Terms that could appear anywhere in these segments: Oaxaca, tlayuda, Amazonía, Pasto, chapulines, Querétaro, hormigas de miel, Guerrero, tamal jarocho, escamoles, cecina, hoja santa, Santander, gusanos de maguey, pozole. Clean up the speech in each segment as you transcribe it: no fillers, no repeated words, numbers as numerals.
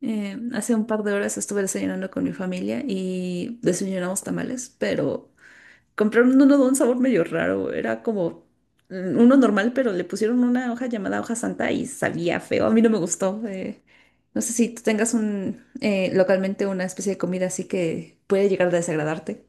Hace un par de horas estuve desayunando con mi familia y desayunamos tamales, pero compraron uno de un sabor medio raro. Era como uno normal, pero le pusieron una hoja llamada hoja santa y sabía feo. A mí no me gustó. No sé si tú tengas un localmente una especie de comida así que puede llegar a desagradarte.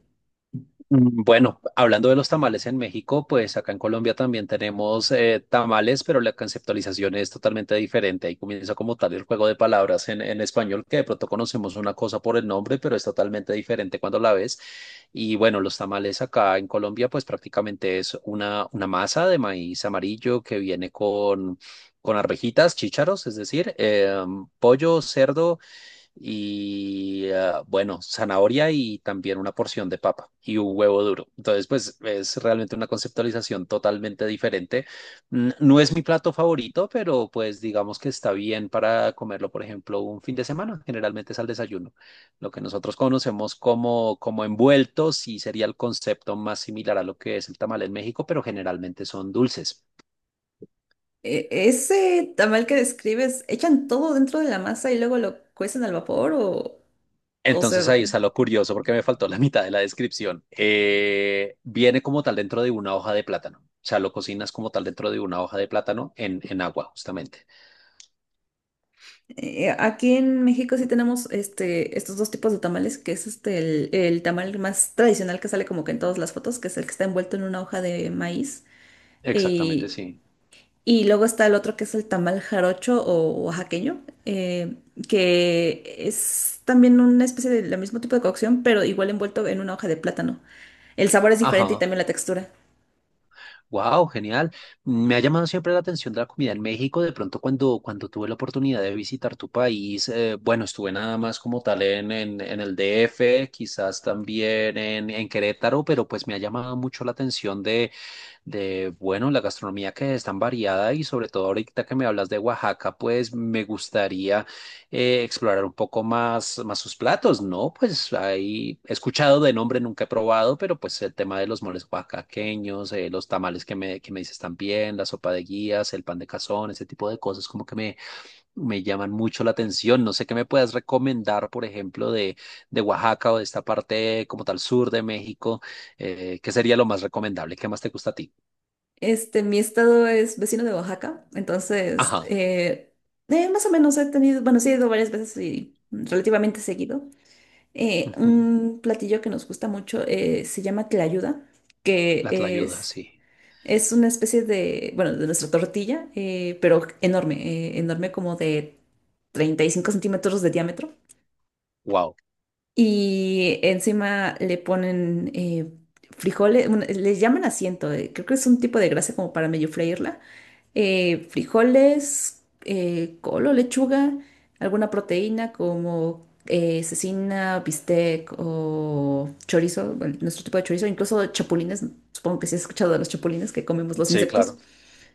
Bueno, hablando de los tamales en México, pues acá en Colombia también tenemos tamales, pero la conceptualización es totalmente diferente. Ahí comienza como tal el juego de palabras en español, que de pronto conocemos una cosa por el nombre, pero es totalmente diferente cuando la ves. Y bueno, los tamales acá en Colombia, pues prácticamente es una masa de maíz amarillo que viene con arvejitas, chícharos, es decir, pollo, cerdo y bueno, zanahoria y también una porción de papa y un huevo duro. Entonces, pues es realmente una conceptualización totalmente diferente. No es mi plato favorito, pero pues digamos que está bien para comerlo, por ejemplo, un fin de semana. Generalmente es al desayuno. Lo que nosotros conocemos como, como envueltos sí sería el concepto más similar a lo que es el tamal en México, pero generalmente son dulces. Ese tamal que describes, ¿echan todo dentro de la masa y luego lo cuecen al vapor o, o Entonces sea, ahí está lo curioso porque me faltó la mitad de la descripción. Viene como tal dentro de una hoja de plátano. O sea, lo cocinas como tal dentro de una hoja de plátano en agua, justamente. Eh, aquí en México sí tenemos este, estos dos tipos de tamales, que es este, el tamal más tradicional que sale como que en todas las fotos, que es el que está envuelto en una hoja de maíz. Exactamente, Y, sí. y luego está el otro que es el tamal jarocho o oaxaqueño, que es también una especie de la mismo tipo de cocción, pero igual envuelto en una hoja de plátano. El sabor es diferente y Ajá. también la textura. Wow, genial. Me ha llamado siempre la atención de la comida en México. De pronto, cuando tuve la oportunidad de visitar tu país, bueno, estuve nada más como tal en el DF, quizás también en Querétaro, pero pues me ha llamado mucho la atención de, bueno, la gastronomía que es tan variada y sobre todo ahorita que me hablas de Oaxaca, pues me gustaría explorar un poco más, más sus platos, ¿no? Pues ahí he escuchado de nombre, nunca he probado, pero pues el tema de los moles oaxaqueños, los tamales que me dices también, la sopa de guías, el pan de cazón, ese tipo de cosas como que me llaman mucho la atención. No sé qué me puedas recomendar, por ejemplo, de Oaxaca o de esta parte como tal sur de México, ¿qué sería lo más recomendable? ¿Qué más te gusta a ti? Este, mi estado es vecino de Oaxaca, entonces Ajá. Más o menos he tenido, bueno, sí he ido varias veces y relativamente seguido. Ujú. Un platillo que nos gusta mucho se llama tlayuda, La que tlayuda, es, sí. es una especie de, bueno, de nuestra tortilla, pero enorme, enorme como de 35 centímetros de diámetro. Wow. Y encima le ponen frijoles, bueno, le llaman asiento, creo que es un tipo de grasa como para medio freírla frijoles, col o lechuga, alguna proteína como cecina, bistec o chorizo, bueno, nuestro tipo de chorizo, incluso chapulines, supongo que sí has escuchado de los chapulines que comemos los Sí, insectos, claro.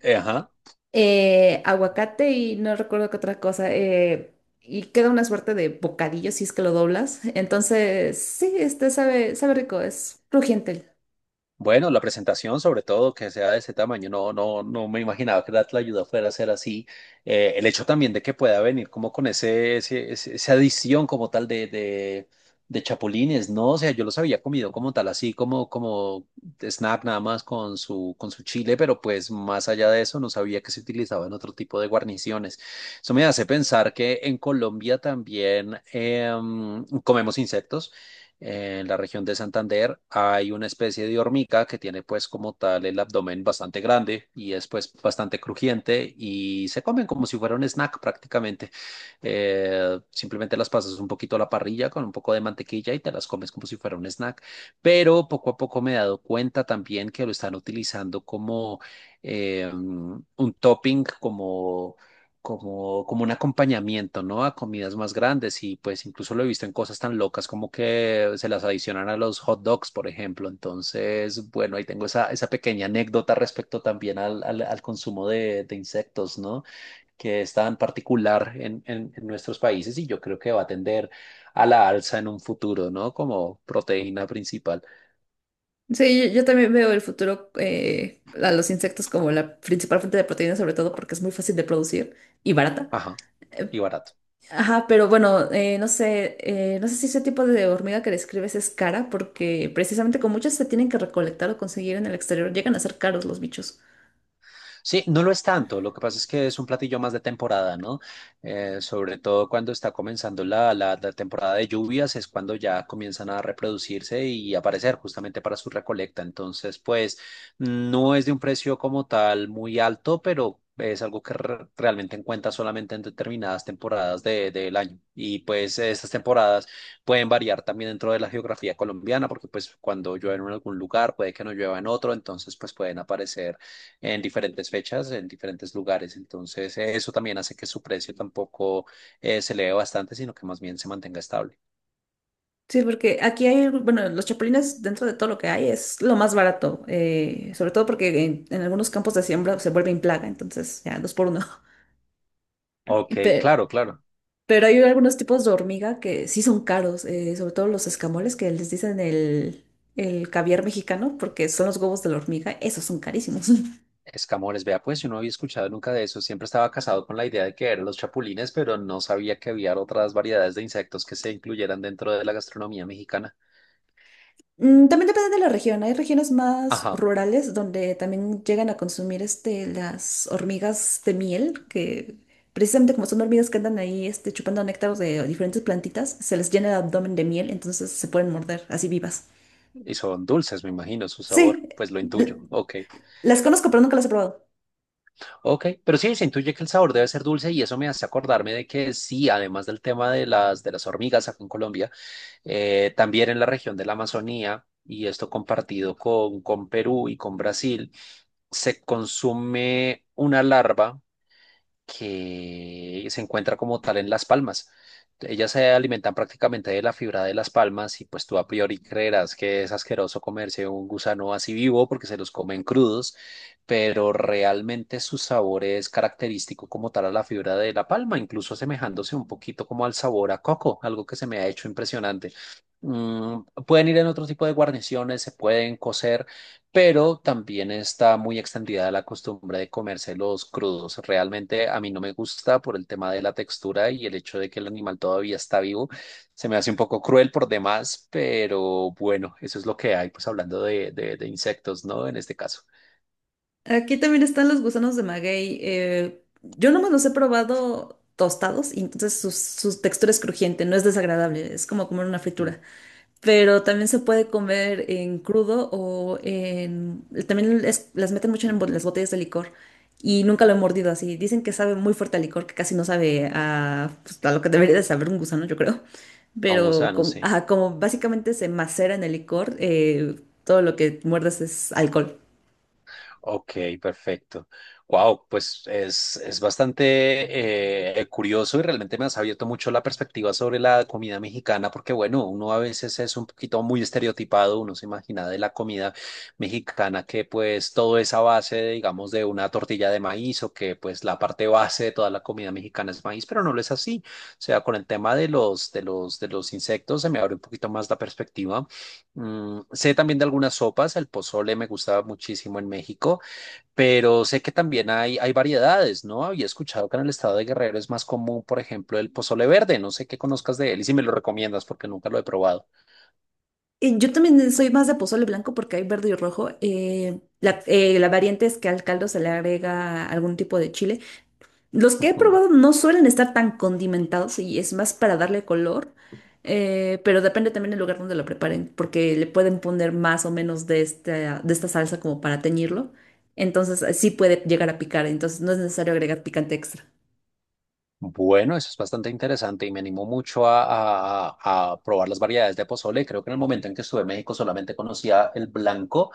Ajá. Aguacate y no recuerdo qué otra cosa, y queda una suerte de bocadillo si es que lo doblas, entonces sí, este sabe, sabe rico, es crujiente. Bueno, la presentación, sobre todo, que sea de ese tamaño, no, no, no me imaginaba que la ayuda fuera a ser así. El hecho también de que pueda venir como con esa adición como tal de chapulines, ¿no? O sea, yo los había comido como tal, así como, como snack nada más con su chile, pero pues más allá de eso no sabía que se utilizaba en otro tipo de guarniciones. Eso me hace pensar que en Colombia también comemos insectos. En la región de Santander hay una especie de hormiga que tiene pues como tal el abdomen bastante grande y es pues bastante crujiente y se comen como si fuera un snack prácticamente. Simplemente las pasas un poquito a la parrilla con un poco de mantequilla y te las comes como si fuera un snack. Pero poco a poco me he dado cuenta también que lo están utilizando como un topping, como un acompañamiento, ¿no? A comidas más grandes y pues incluso lo he visto en cosas tan locas como que se las adicionan a los hot dogs, por ejemplo. Entonces, bueno, ahí tengo esa pequeña anécdota respecto también al consumo de insectos, ¿no? Que es tan particular en nuestros países y yo creo que va a tender a la alza en un futuro, ¿no? Como proteína principal. Sí, yo también veo el futuro a los insectos como la principal fuente de proteína, sobre todo porque es muy fácil de producir y barata. Ajá, y barato. Ajá, pero bueno, no sé, no sé si ese tipo de hormiga que describes es cara, porque precisamente con muchas se tienen que recolectar o conseguir en el exterior, llegan a ser caros los bichos. Sí, no lo es tanto. Lo que pasa es que es un platillo más de temporada, ¿no? Sobre todo cuando está comenzando la temporada de lluvias, es cuando ya comienzan a reproducirse y aparecer justamente para su recolecta. Entonces, pues no es de un precio como tal muy alto, pero es algo que realmente encuentras solamente en determinadas temporadas del año. Y pues estas temporadas pueden variar también dentro de la geografía colombiana, porque pues cuando llueve en algún lugar, puede que no llueva en otro, entonces pues pueden aparecer en diferentes fechas, en diferentes lugares. Entonces, eso también hace que su precio tampoco se eleve bastante, sino que más bien se mantenga estable. Sí, porque aquí hay, bueno, los chapulines dentro de todo lo que hay es lo más barato, sobre todo porque en algunos campos de siembra se vuelven plaga, entonces ya dos por uno. Ok, Pero claro, claro. Pero hay algunos tipos de hormiga que sí son caros, sobre todo los escamoles que les dicen el caviar mexicano, porque son los huevos de la hormiga, esos son carísimos. Escamores, vea, pues yo no había escuchado nunca de eso. Siempre estaba casado con la idea de que eran los chapulines, pero no sabía que había otras variedades de insectos que se incluyeran dentro de la gastronomía mexicana. Mm, también depende de la región. Hay regiones más Ajá, rurales donde también llegan a consumir este, las hormigas de miel, que precisamente como son hormigas que andan ahí este, chupando néctar de diferentes plantitas, se les llena el abdomen de miel, entonces se pueden morder así vivas. y son dulces, me imagino, su sabor, Sí, pues lo intuyo. l- Ok, las conozco, pero nunca las he probado. ok, pero sí, se intuye que el sabor debe ser dulce y eso me hace acordarme de que sí, además del tema de de las hormigas acá en Colombia, también en la región de la Amazonía, y esto compartido con Perú y con Brasil, se consume una larva que se encuentra como tal en las palmas. Ellas se alimentan prácticamente de la fibra de las palmas y pues tú a priori creerás que es asqueroso comerse un gusano así vivo porque se los comen crudos, pero realmente su sabor es característico como tal a la fibra de la palma, incluso asemejándose un poquito como al sabor a coco, algo que se me ha hecho impresionante. Mm, pueden ir en otro tipo de guarniciones, se pueden cocer pero también está muy extendida la costumbre de comérselos crudos. Realmente a mí no me gusta por el tema de la textura y el hecho de que el animal todavía está vivo. Se me hace un poco cruel por demás, pero bueno, eso es lo que hay, pues hablando de insectos, ¿no? En este caso, Aquí también están los gusanos de maguey. Yo nomás los he probado tostados y entonces su textura es crujiente, no es desagradable, es como comer una mm, fritura. Pero también se puede comer en crudo o en... También las meten mucho en las botellas de licor y nunca lo he mordido así. Dicen que sabe muy fuerte a licor, que casi no sabe a, pues, a lo que debería de saber un gusano, yo creo. a un Pero gusano, como, sí. ajá, como básicamente se macera en el licor, todo lo que muerdes es alcohol. Ok, perfecto. Wow, pues es bastante curioso y realmente me has abierto mucho la perspectiva sobre la comida mexicana, porque bueno, uno a veces es un poquito muy estereotipado, uno se imagina de la comida mexicana que pues todo es a base, digamos, de una tortilla de maíz o que pues la parte base de toda la comida mexicana es maíz, pero no lo es así. O sea, con el tema de de los insectos se me abre un poquito más la perspectiva. Mm, sé también de algunas sopas, el pozole me gusta muchísimo en México. Pero sé que también hay variedades, ¿no? Había escuchado que en el estado de Guerrero es más común, por ejemplo, el pozole verde. No sé qué conozcas de él y si me lo recomiendas porque nunca lo he probado. Yo también soy más de pozole blanco porque hay verde y rojo. La variante es que al caldo se le agrega algún tipo de chile. Los que he Ujú. probado no suelen estar tan condimentados y es más para darle color, pero depende también del lugar donde lo preparen porque le pueden poner más o menos de de esta salsa como para teñirlo. Entonces sí puede llegar a picar, entonces no es necesario agregar picante extra. Bueno, eso es bastante interesante y me animó mucho a probar las variedades de pozole. Creo que en el momento en que estuve en México solamente conocía el blanco,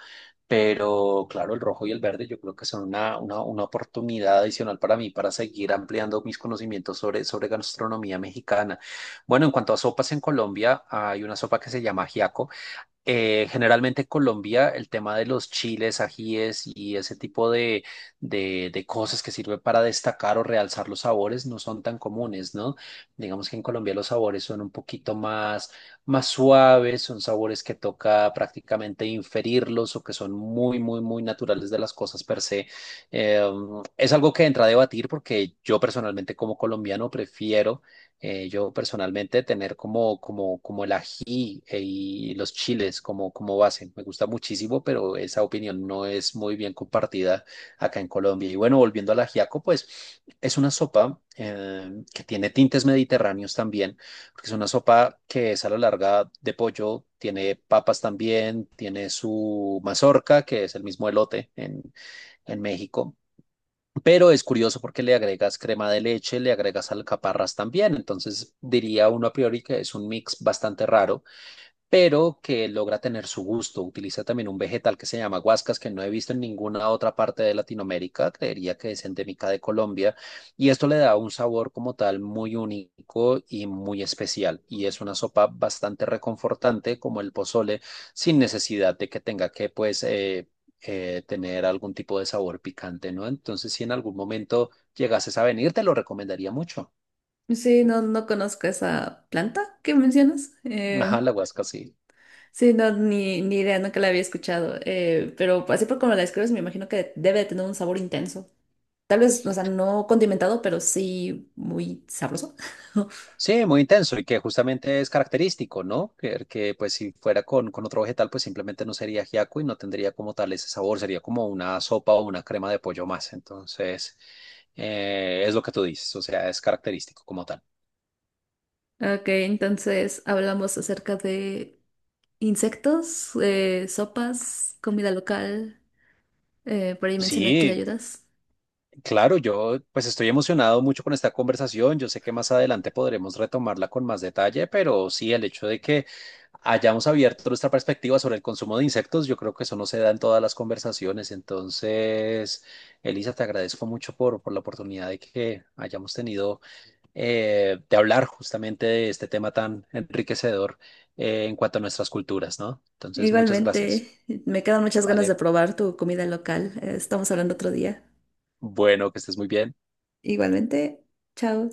pero claro, el rojo y el verde yo creo que son una oportunidad adicional para mí para seguir ampliando mis conocimientos sobre, sobre gastronomía mexicana. Bueno, en cuanto a sopas en Colombia, hay una sopa que se llama ajiaco. Generalmente en Colombia el tema de los chiles, ajíes y ese tipo de cosas que sirve para destacar o realzar los sabores no son tan comunes, ¿no? Digamos que en Colombia los sabores son un poquito más, más suaves, son sabores que toca prácticamente inferirlos o que son muy, muy, muy naturales de las cosas per se. Eh, es algo que entra a debatir porque yo personalmente como colombiano prefiero yo personalmente tener como el ají y los chiles como, como base. Me gusta muchísimo, pero esa opinión no es muy bien compartida acá en Colombia. Y bueno, volviendo al ajiaco, pues es una sopa que tiene tintes mediterráneos también, porque es una sopa que es a la larga de pollo, tiene papas también, tiene su mazorca, que es el mismo elote en México pero es curioso porque le agregas crema de leche, le agregas alcaparras también. Entonces diría uno a priori que es un mix bastante raro pero que logra tener su gusto. Utiliza también un vegetal que se llama guascas, que no he visto en ninguna otra parte de Latinoamérica, creería que es endémica de Colombia, y esto le da un sabor como tal muy único y muy especial, y es una sopa bastante reconfortante como el pozole, sin necesidad de que tenga que tener algún tipo de sabor picante, ¿no? Entonces, si en algún momento llegases a venir, te lo recomendaría mucho. Sí, no, no conozco esa planta que mencionas. Ajá, la guasca, sí. Sí, no, ni idea, nunca la había escuchado. Pero así por como la describes, me imagino que debe de tener un sabor intenso. Tal vez, o sea, no condimentado, pero sí muy sabroso. Sí, muy intenso y que justamente es característico, ¿no? Que, pues si fuera con otro vegetal, pues simplemente no sería ajiaco y no tendría como tal ese sabor, sería como una sopa o una crema de pollo más. Entonces, es lo que tú dices, o sea, es característico como tal. Ok, entonces hablamos acerca de insectos, sopas, comida local. Por ahí mencioné Sí, ayudas. claro, yo pues estoy emocionado mucho con esta conversación. Yo sé que más adelante podremos retomarla con más detalle, pero sí, el hecho de que hayamos abierto nuestra perspectiva sobre el consumo de insectos, yo creo que eso no se da en todas las conversaciones. Entonces, Elisa, te agradezco mucho por la oportunidad de que hayamos tenido de hablar justamente de este tema tan enriquecedor en cuanto a nuestras culturas, ¿no? Entonces, muchas gracias. Igualmente, me quedan muchas ganas de Vale, probar tu comida local. Estamos hablando otro día. bueno, que estés muy bien. Igualmente, chao.